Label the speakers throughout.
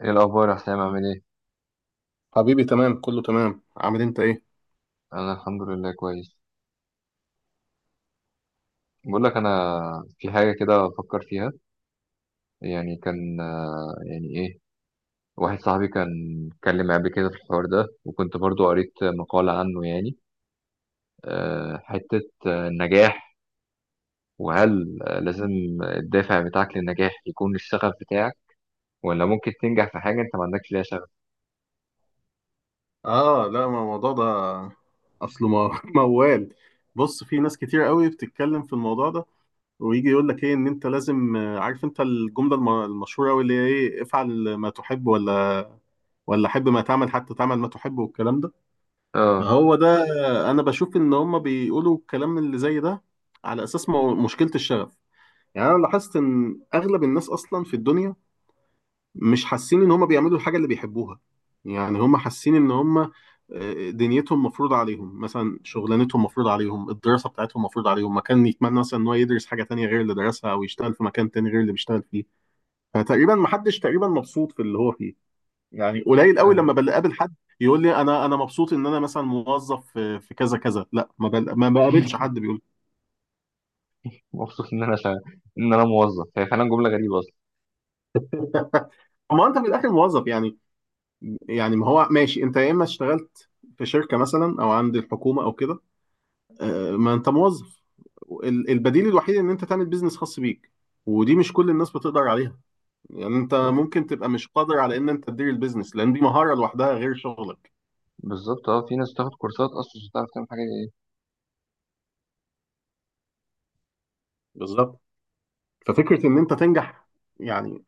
Speaker 1: ايه الاخبار يا حسام؟ عامل ايه؟
Speaker 2: حبيبي، تمام، كله تمام. عامل انت ايه؟
Speaker 1: انا الحمد لله كويس. بقول لك انا في حاجه كده بفكر فيها. يعني كان، يعني ايه، واحد صاحبي كان اتكلم معايا قبل كده في الحوار ده، وكنت برضو قريت مقاله عنه يعني. حته، النجاح، وهل لازم الدافع بتاعك للنجاح يكون الشغف بتاعك، ولا ممكن تنجح في حاجه انت ما عندكش ليها شغف؟
Speaker 2: اه، لا، ما الموضوع ده اصله ما- موال. بص، في ناس كتير قوي بتتكلم في الموضوع ده، ويجي يقول لك ايه؟ ان انت لازم، عارف انت المشهوره قوي اللي هي ايه. افعل ما تحب ولا حب ما تعمل حتى تعمل ما تحب والكلام ده.
Speaker 1: اه.
Speaker 2: هو ده. انا بشوف ان هم بيقولوا الكلام اللي زي ده على اساس مشكله الشغف. يعني انا لاحظت ان اغلب الناس اصلا في الدنيا مش حاسين ان هم بيعملوا الحاجه اللي بيحبوها. يعني هم حاسين ان هم دنيتهم مفروض عليهم، مثلا شغلانتهم مفروض عليهم، الدراسه بتاعتهم مفروض عليهم، مكان يتمنى مثلا ان هو يدرس حاجه تانية غير اللي درسها، او يشتغل في مكان تاني غير اللي بيشتغل فيه. فتقريبا ما حدش تقريبا مبسوط في اللي هو فيه. يعني قليل قوي لما
Speaker 1: فاهم.
Speaker 2: بقابل حد يقول لي انا مبسوط ان انا مثلا موظف في كذا كذا. لا، ما بقابلش حد بيقول.
Speaker 1: مبسوط ان انا شغ... ان انا موظف هي فعلا جمله غريبه اصلا.
Speaker 2: ما انت في الاخر موظف يعني. يعني ما هو ماشي، انت يا اما اشتغلت في شركه مثلا، او عند الحكومه، او كده. ما انت موظف. البديل الوحيد ان انت تعمل بيزنس خاص بيك، ودي مش كل الناس بتقدر عليها. يعني انت ممكن تبقى مش قادر على ان انت تدير البيزنس، لان دي مهارة لوحدها غير شغلك.
Speaker 1: بالظبط اه، في ناس بتاخد كورسات اصلا مش بتعرف تعمل حاجه.
Speaker 2: بالظبط. ففكرة ان انت تنجح، يعني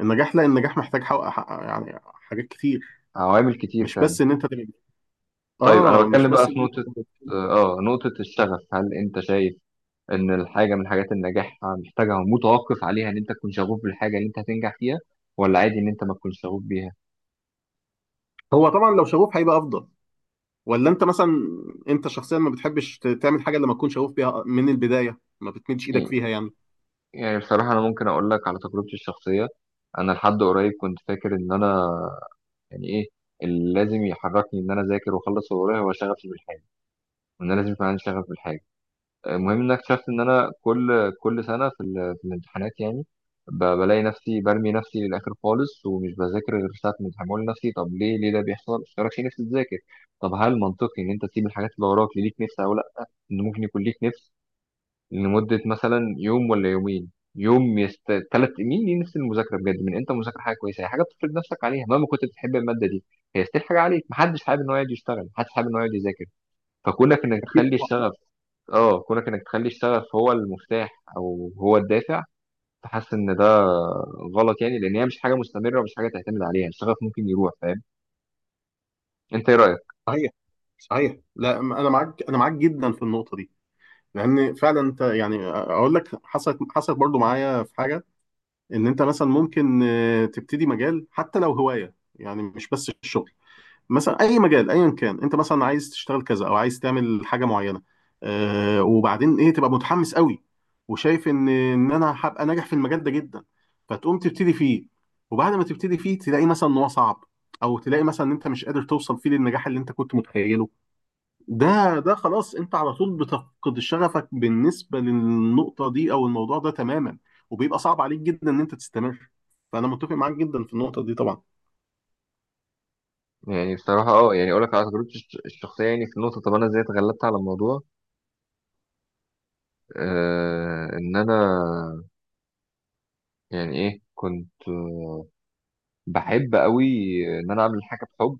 Speaker 2: النجاح، لا النجاح محتاج يعني حاجات كتير.
Speaker 1: عوامل كتير
Speaker 2: مش
Speaker 1: فعلا.
Speaker 2: بس ان انت تبقى.
Speaker 1: طيب، انا
Speaker 2: اه، مش
Speaker 1: بتكلم بقى
Speaker 2: بس ان
Speaker 1: في
Speaker 2: انت
Speaker 1: نقطة،
Speaker 2: تبقى.
Speaker 1: اه، نقطة الشغف. هل انت شايف ان الحاجة من حاجات النجاح محتاجة، متوقف عليها ان انت تكون شغوف بالحاجة اللي انت هتنجح فيها، ولا عادي ان انت ما تكونش شغوف بيها؟
Speaker 2: هو طبعا لو شغوف هيبقى افضل. ولا انت مثلا، انت شخصيا ما بتحبش تعمل حاجة لما تكون شغوف بيها من البداية. ما بتمدش ايدك فيها يعني.
Speaker 1: يعني بصراحة انا ممكن اقول لك على تجربتي الشخصية. انا لحد قريب كنت فاكر ان انا، يعني ايه، اللي لازم يحركني ان انا اذاكر واخلص اللي ورايا هو شغفي بالحاجة، وان انا لازم يكون عندي شغف بالحاجة. المهم ان أنا اكتشفت ان انا كل سنه في الامتحانات يعني، بلاقي نفسي برمي نفسي للاخر خالص، ومش بذاكر غير ساعه الامتحان، بقول لنفسي طب ليه ده بيحصل؟ مش تراكش نفسي تذاكر. طب هل منطقي ان انت تسيب الحاجات اللي وراك ليك نفس او لا؟ ان ممكن يكون ليك نفس لمده مثلا يوم ولا يومين، يوم ثلاث مين، ليه نفس المذاكره بجد. من انت مذاكره حاجه كويسه، هي حاجه بتفرض نفسك عليها مهما كنت بتحب الماده دي. هي ستيل حاجه عليك. محدش حابب ان هو يقعد يشتغل، محدش حابب ان هو يقعد يذاكر. فكونك انك
Speaker 2: اكيد.
Speaker 1: تخلي الشغف، اه، كونك انك تخلي الشغف هو المفتاح، او هو الدافع. فحاسس ان ده غلط، يعني لان هي مش حاجه مستمره ومش حاجه تعتمد عليها. الشغف ممكن يروح، فاهم. انت ايه رايك؟
Speaker 2: صحيح. صحيح، لا م- انا معاك، انا معاك جدا في النقطه دي. لان فعلا انت، يعني اقول لك، حصلت برضو معايا في حاجه. ان انت مثلا ممكن تبتدي مجال، حتى لو هوايه، يعني مش بس الشغل. مثلا اي مجال ايا كان، انت مثلا عايز تشتغل كذا، او عايز تعمل حاجه معينه، وبعدين ايه، تبقى متحمس قوي، وشايف ان انا هبقى ناجح في المجال ده جدا، فتقوم تبتدي فيه. وبعد ما تبتدي فيه تلاقي مثلا ان هو صعب، او تلاقي مثلا ان انت مش قادر توصل فيه للنجاح اللي انت كنت متخيله. ده، ده خلاص انت على طول بتفقد شغفك بالنسبة للنقطة دي او الموضوع ده تماما، وبيبقى صعب عليك جدا ان انت تستمر. فانا متفق معاك جدا في النقطة دي طبعا.
Speaker 1: يعني بصراحه اه، يعني اقول لك على تجربتي الشخصيه، يعني في النقطه، طب انا ازاي اتغلبت على الموضوع؟ آه ان انا، يعني ايه، كنت بحب قوي ان انا اعمل حاجه بحب،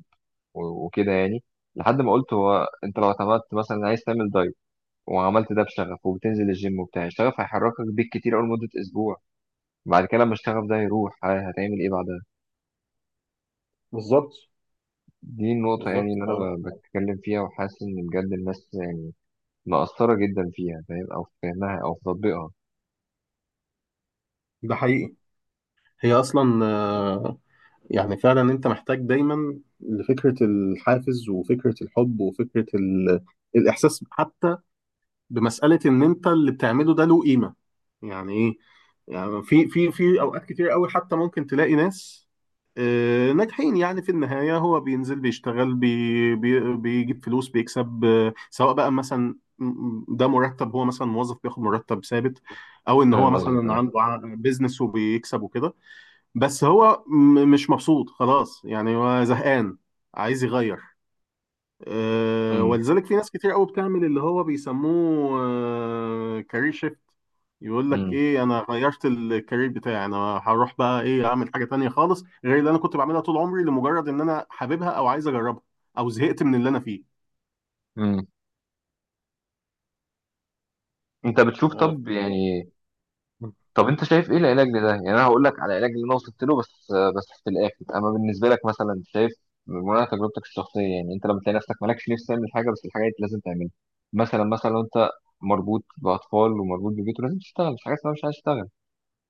Speaker 1: وكده يعني، لحد ما قلت هو انت لو اعتمدت مثلا عايز تعمل دايت وعملت ده بشغف وبتنزل الجيم وبتاع، الشغف هيحركك بيك كتير أول مدة أسبوع. بعد كده لما الشغف ده يروح هتعمل إيه بعدها؟
Speaker 2: بالظبط.
Speaker 1: دي النقطة يعني
Speaker 2: بالظبط
Speaker 1: اللي أنا
Speaker 2: آه،
Speaker 1: بتكلم فيها، وحاسس إن بجد الناس يعني مقصرة جدا فيها، فاهم، أو في فهمها أو في تطبيقها.
Speaker 2: ده حقيقي. هي اصلا يعني فعلا انت محتاج دايما لفكرة الحافز، وفكرة الحب، وفكرة ال... الاحساس حتى بمساله ان انت اللي بتعمله ده له قيمه. يعني ايه؟ يعني في اوقات كتير قوي حتى ممكن تلاقي ناس ناجحين، يعني في النهايه هو بينزل بيشتغل بي بي بيجيب فلوس بيكسب، سواء بقى مثلا، ده مرتب، هو مثلا موظف بياخد مرتب ثابت، او ان هو
Speaker 1: فاهم قصدك،
Speaker 2: مثلا
Speaker 1: أه.
Speaker 2: عنده بيزنس وبيكسب وكده. بس هو مش مبسوط، خلاص يعني، هو زهقان عايز يغير.
Speaker 1: أمم.
Speaker 2: ولذلك في ناس كتير قوي بتعمل اللي هو بيسموه كارير شيفت. يقول لك
Speaker 1: أمم.
Speaker 2: ايه، انا غيرت الكارير بتاعي. انا هروح بقى ايه، اعمل حاجه تانية خالص غير اللي انا كنت بعملها طول عمري، لمجرد ان انا حاببها، او عايز اجربها، او زهقت من اللي انا فيه.
Speaker 1: أمم. أنت بتشوف،
Speaker 2: آه،
Speaker 1: طب يعني، طب انت شايف ايه العلاج لده؟ يعني انا هقول لك على العلاج اللي انا وصلت له، بس في الاخر. اما بالنسبه لك مثلا، شايف من تجربتك الشخصيه، يعني انت لما تلاقي نفسك مالكش نفس تعمل حاجه، بس الحاجه دي لازم تعملها. مثلا لو انت مربوط باطفال ومربوط ببيت ولازم تشتغل، مش حاجه اسمها مش عايز تشتغل.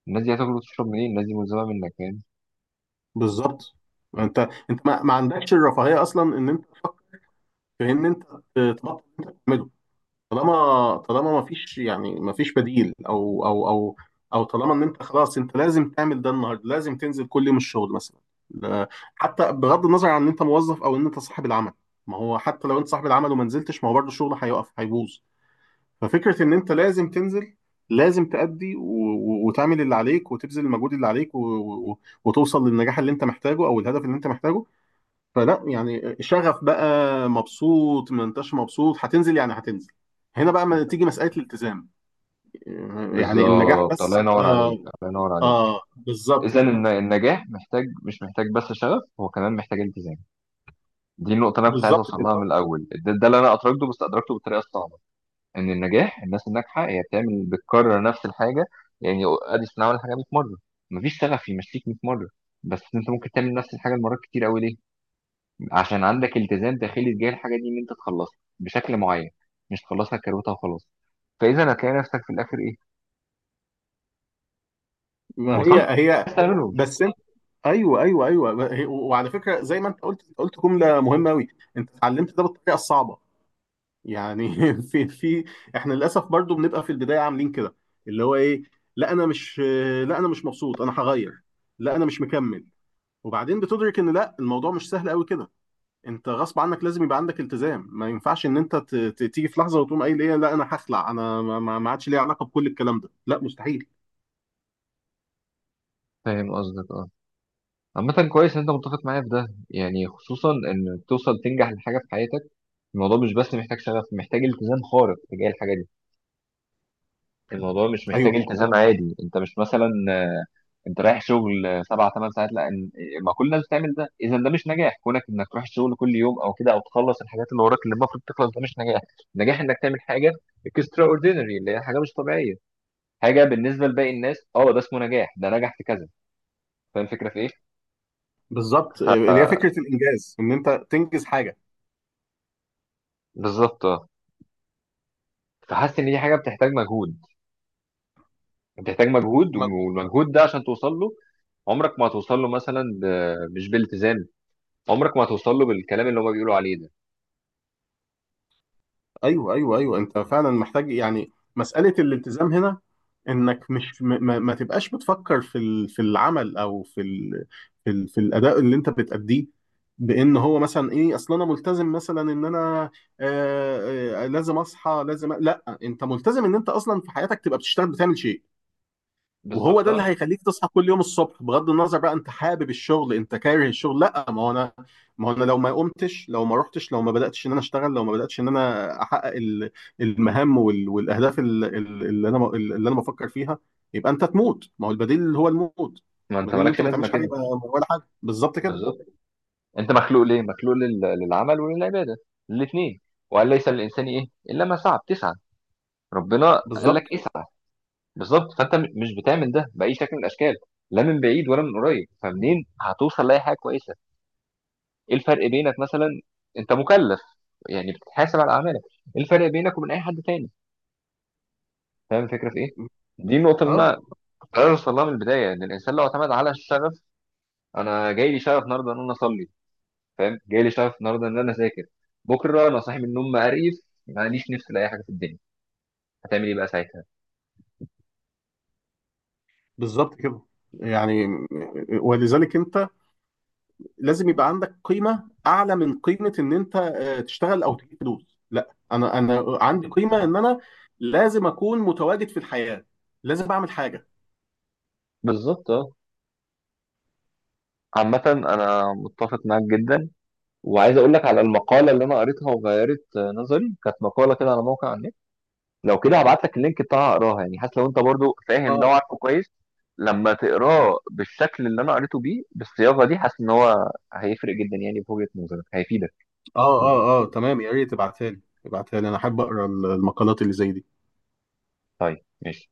Speaker 1: الناس دي هتاكل وتشرب منين؟ الناس دي ملزمه منك يعني.
Speaker 2: بالظبط. انت ما عندكش الرفاهيه اصلا ان انت تفكر في ان انت تبطل اللي انت بتعمله. طالما ما فيش بديل، او او طالما ان انت خلاص انت لازم تعمل ده النهارده، لازم تنزل كل يوم الشغل مثلا. لا- حتى بغض النظر عن ان انت موظف او ان انت صاحب العمل. ما هو حتى لو انت صاحب العمل وما نزلتش، ما هو برضه الشغل هيقف هيبوظ. ففكره ان انت لازم تنزل، لازم تأدي وتعمل اللي عليك، وتبذل المجهود اللي عليك، و... و... وتوصل للنجاح اللي انت محتاجه او الهدف اللي انت محتاجه. فلا يعني شغف بقى، مبسوط ما انتش مبسوط، هتنزل يعني هتنزل. هنا بقى ما تيجي مسألة الالتزام. يعني النجاح
Speaker 1: بالظبط. الله
Speaker 2: بس،
Speaker 1: ينور عليك،
Speaker 2: اه.
Speaker 1: الله ينور عليك.
Speaker 2: اه، بالظبط
Speaker 1: اذا
Speaker 2: كده.
Speaker 1: النجاح محتاج، مش محتاج بس شغف، هو كمان محتاج التزام. دي النقطه اللي انا كنت عايز
Speaker 2: بالظبط
Speaker 1: اوصل
Speaker 2: كده.
Speaker 1: لها من الاول. ده اللي انا ادركته، بس ادركته بالطريقه الصعبه. ان النجاح، الناس الناجحه هي بتعمل، بتكرر نفس الحاجه. يعني اديسون عمل الحاجه 100 مره. مفيش سقف يمشيك 100 مره. بس انت ممكن تعمل نفس الحاجه المرات كتير قوي. ليه؟ عشان عندك التزام داخلي تجاه الحاجه دي ان انت تخلصها بشكل معين، مش تخلصها كروتها وخلاص. فاذا هتلاقي نفسك في الاخر ايه؟
Speaker 2: ما هي
Speaker 1: وصلت،
Speaker 2: هي.
Speaker 1: بس تعمله.
Speaker 2: بس انت، ايوه ايوه ايوه، ما هي- وعلى فكره زي ما انت قلت، قلت جمله مهمه قوي. انت اتعلمت ده بالطريقه الصعبه، يعني في احنا للاسف برضو بنبقى في البدايه عاملين كده، اللي هو ايه، لا انا مش لا انا مش مبسوط، انا هغير، لا انا مش مكمل. وبعدين بتدرك ان لا، الموضوع مش سهل قوي كده. انت غصب عنك لازم يبقى عندك التزام. ما ينفعش ان انت تيجي في لحظه وتقوم قايل ايه، لا انا هخلع، انا ما عادش ليا علاقه بكل الكلام ده، لا مستحيل.
Speaker 1: فاهم قصدك، اه. عامة كويس ان انت متفق معايا في ده، يعني خصوصا ان توصل تنجح لحاجة في حياتك. الموضوع مش بس محتاج شغف، محتاج التزام خارق تجاه الحاجة دي. الموضوع مش
Speaker 2: ايوه،
Speaker 1: محتاج التزام عادي. انت مش مثلا انت رايح شغل 7 8 ساعات، لا، ما كل الناس بتعمل ده، اذا ده مش نجاح. كونك انك تروح الشغل كل يوم او كده، او تخلص الحاجات اللي وراك اللي المفروض تخلص، ده مش نجاح. النجاح انك تعمل حاجه اكسترا اوردينري، اللي هي حاجه مش طبيعيه، حاجه بالنسبه لباقي الناس، اه ده اسمه نجاح، ده نجح في كذا. فاهم الفكره في ايه؟
Speaker 2: بالظبط، اللي هي فكره الانجاز ان انت تنجز حاجه.
Speaker 1: بالظبط اه. فحاسس ان دي حاجه بتحتاج مجهود، بتحتاج مجهود، والمجهود ده عشان توصل له. عمرك ما هتوصل له مثلا مش بالتزام. عمرك ما هتوصل له بالكلام اللي هما بيقولوا عليه ده.
Speaker 2: ايوه ايوه ايوه، انت فعلا محتاج يعني مساله الالتزام هنا. انك مش م- ما, ما تبقاش بتفكر في في العمل او في ال في, ال في الاداء اللي انت بتأديه، بان هو مثلا ايه، اصل انا ملتزم مثلا ان انا لازم اصحى، لا انت ملتزم ان انت اصلا في حياتك تبقى بتشتغل، بتعمل شيء. وهو
Speaker 1: بالظبط
Speaker 2: ده اللي
Speaker 1: اه.
Speaker 2: هيخليك تصحى كل يوم الصبح، بغض النظر بقى انت حابب الشغل انت كاره الشغل. لا، ما هو انا، ما هو انا لو ما قمتش، لو ما رحتش، لو ما بداتش ان انا اشتغل، لو ما بداتش ان انا احقق المهام والاهداف اللي انا بفكر فيها، يبقى انت تموت، ما هو البديل اللي هو الموت.
Speaker 1: ما انت
Speaker 2: البديل ان
Speaker 1: مالكش
Speaker 2: انت ما
Speaker 1: لازمه
Speaker 2: تعملش حاجه،
Speaker 1: كده.
Speaker 2: يبقى ولا حاجه. بالظبط كده.
Speaker 1: بالظبط. انت مخلوق ليه؟ مخلوق للعمل وللعباده، الاثنين. وقال ليس للانسان ايه الا ما سعى، بتسعى، ربنا قال
Speaker 2: بالظبط.
Speaker 1: لك اسعى. بالظبط. فانت مش بتعمل ده باي شكل من الاشكال، لا من بعيد ولا من قريب، فمنين هتوصل لاي حاجه كويسه؟ ايه الفرق بينك مثلا، انت مكلف، يعني بتتحاسب على اعمالك. ايه الفرق بينك وبين اي حد تاني؟ فاهم الفكره في ايه؟ دي النقطه اللي
Speaker 2: اه،
Speaker 1: انا كنت عايز اوصل لها من البدايه، ان الانسان لو اعتمد على الشغف. انا جاي لي شغف النهارده ان انا اصلي، فاهم، جاي لي شغف النهارده ان انا اذاكر، بكره انا صاحي من النوم مقريف ماليش نفس لاي حاجه في الدنيا، هتعمل ايه بقى ساعتها؟
Speaker 2: بالظبط كده. يعني ولذلك انت لازم يبقى عندك قيمه اعلى من قيمه ان انت تشتغل او تجيب فلوس. لا، انا عندي قيمه ان انا لازم اكون متواجد في الحياه، لازم اعمل حاجه.
Speaker 1: بالظبط اه. عامة أنا متفق معاك جدا. وعايز أقول لك على المقالة اللي أنا قريتها وغيرت نظري، كانت مقالة كده على موقع على النت. لو كده هبعت لك اللينك بتاعها، أقراها، يعني حتى لو أنت برضو فاهم ده
Speaker 2: اه
Speaker 1: وعارفه كويس. لما تقراه بالشكل اللي أنا قريته بيه بالصياغة دي، حاسس إن هو هيفرق جدا يعني في وجهة نظرك، هيفيدك.
Speaker 2: اه اه، اه تمام، يا ريت تبعتها لي، تبعتها لي. انا احب اقرا المقالات اللي زي دي.
Speaker 1: طيب ماشي.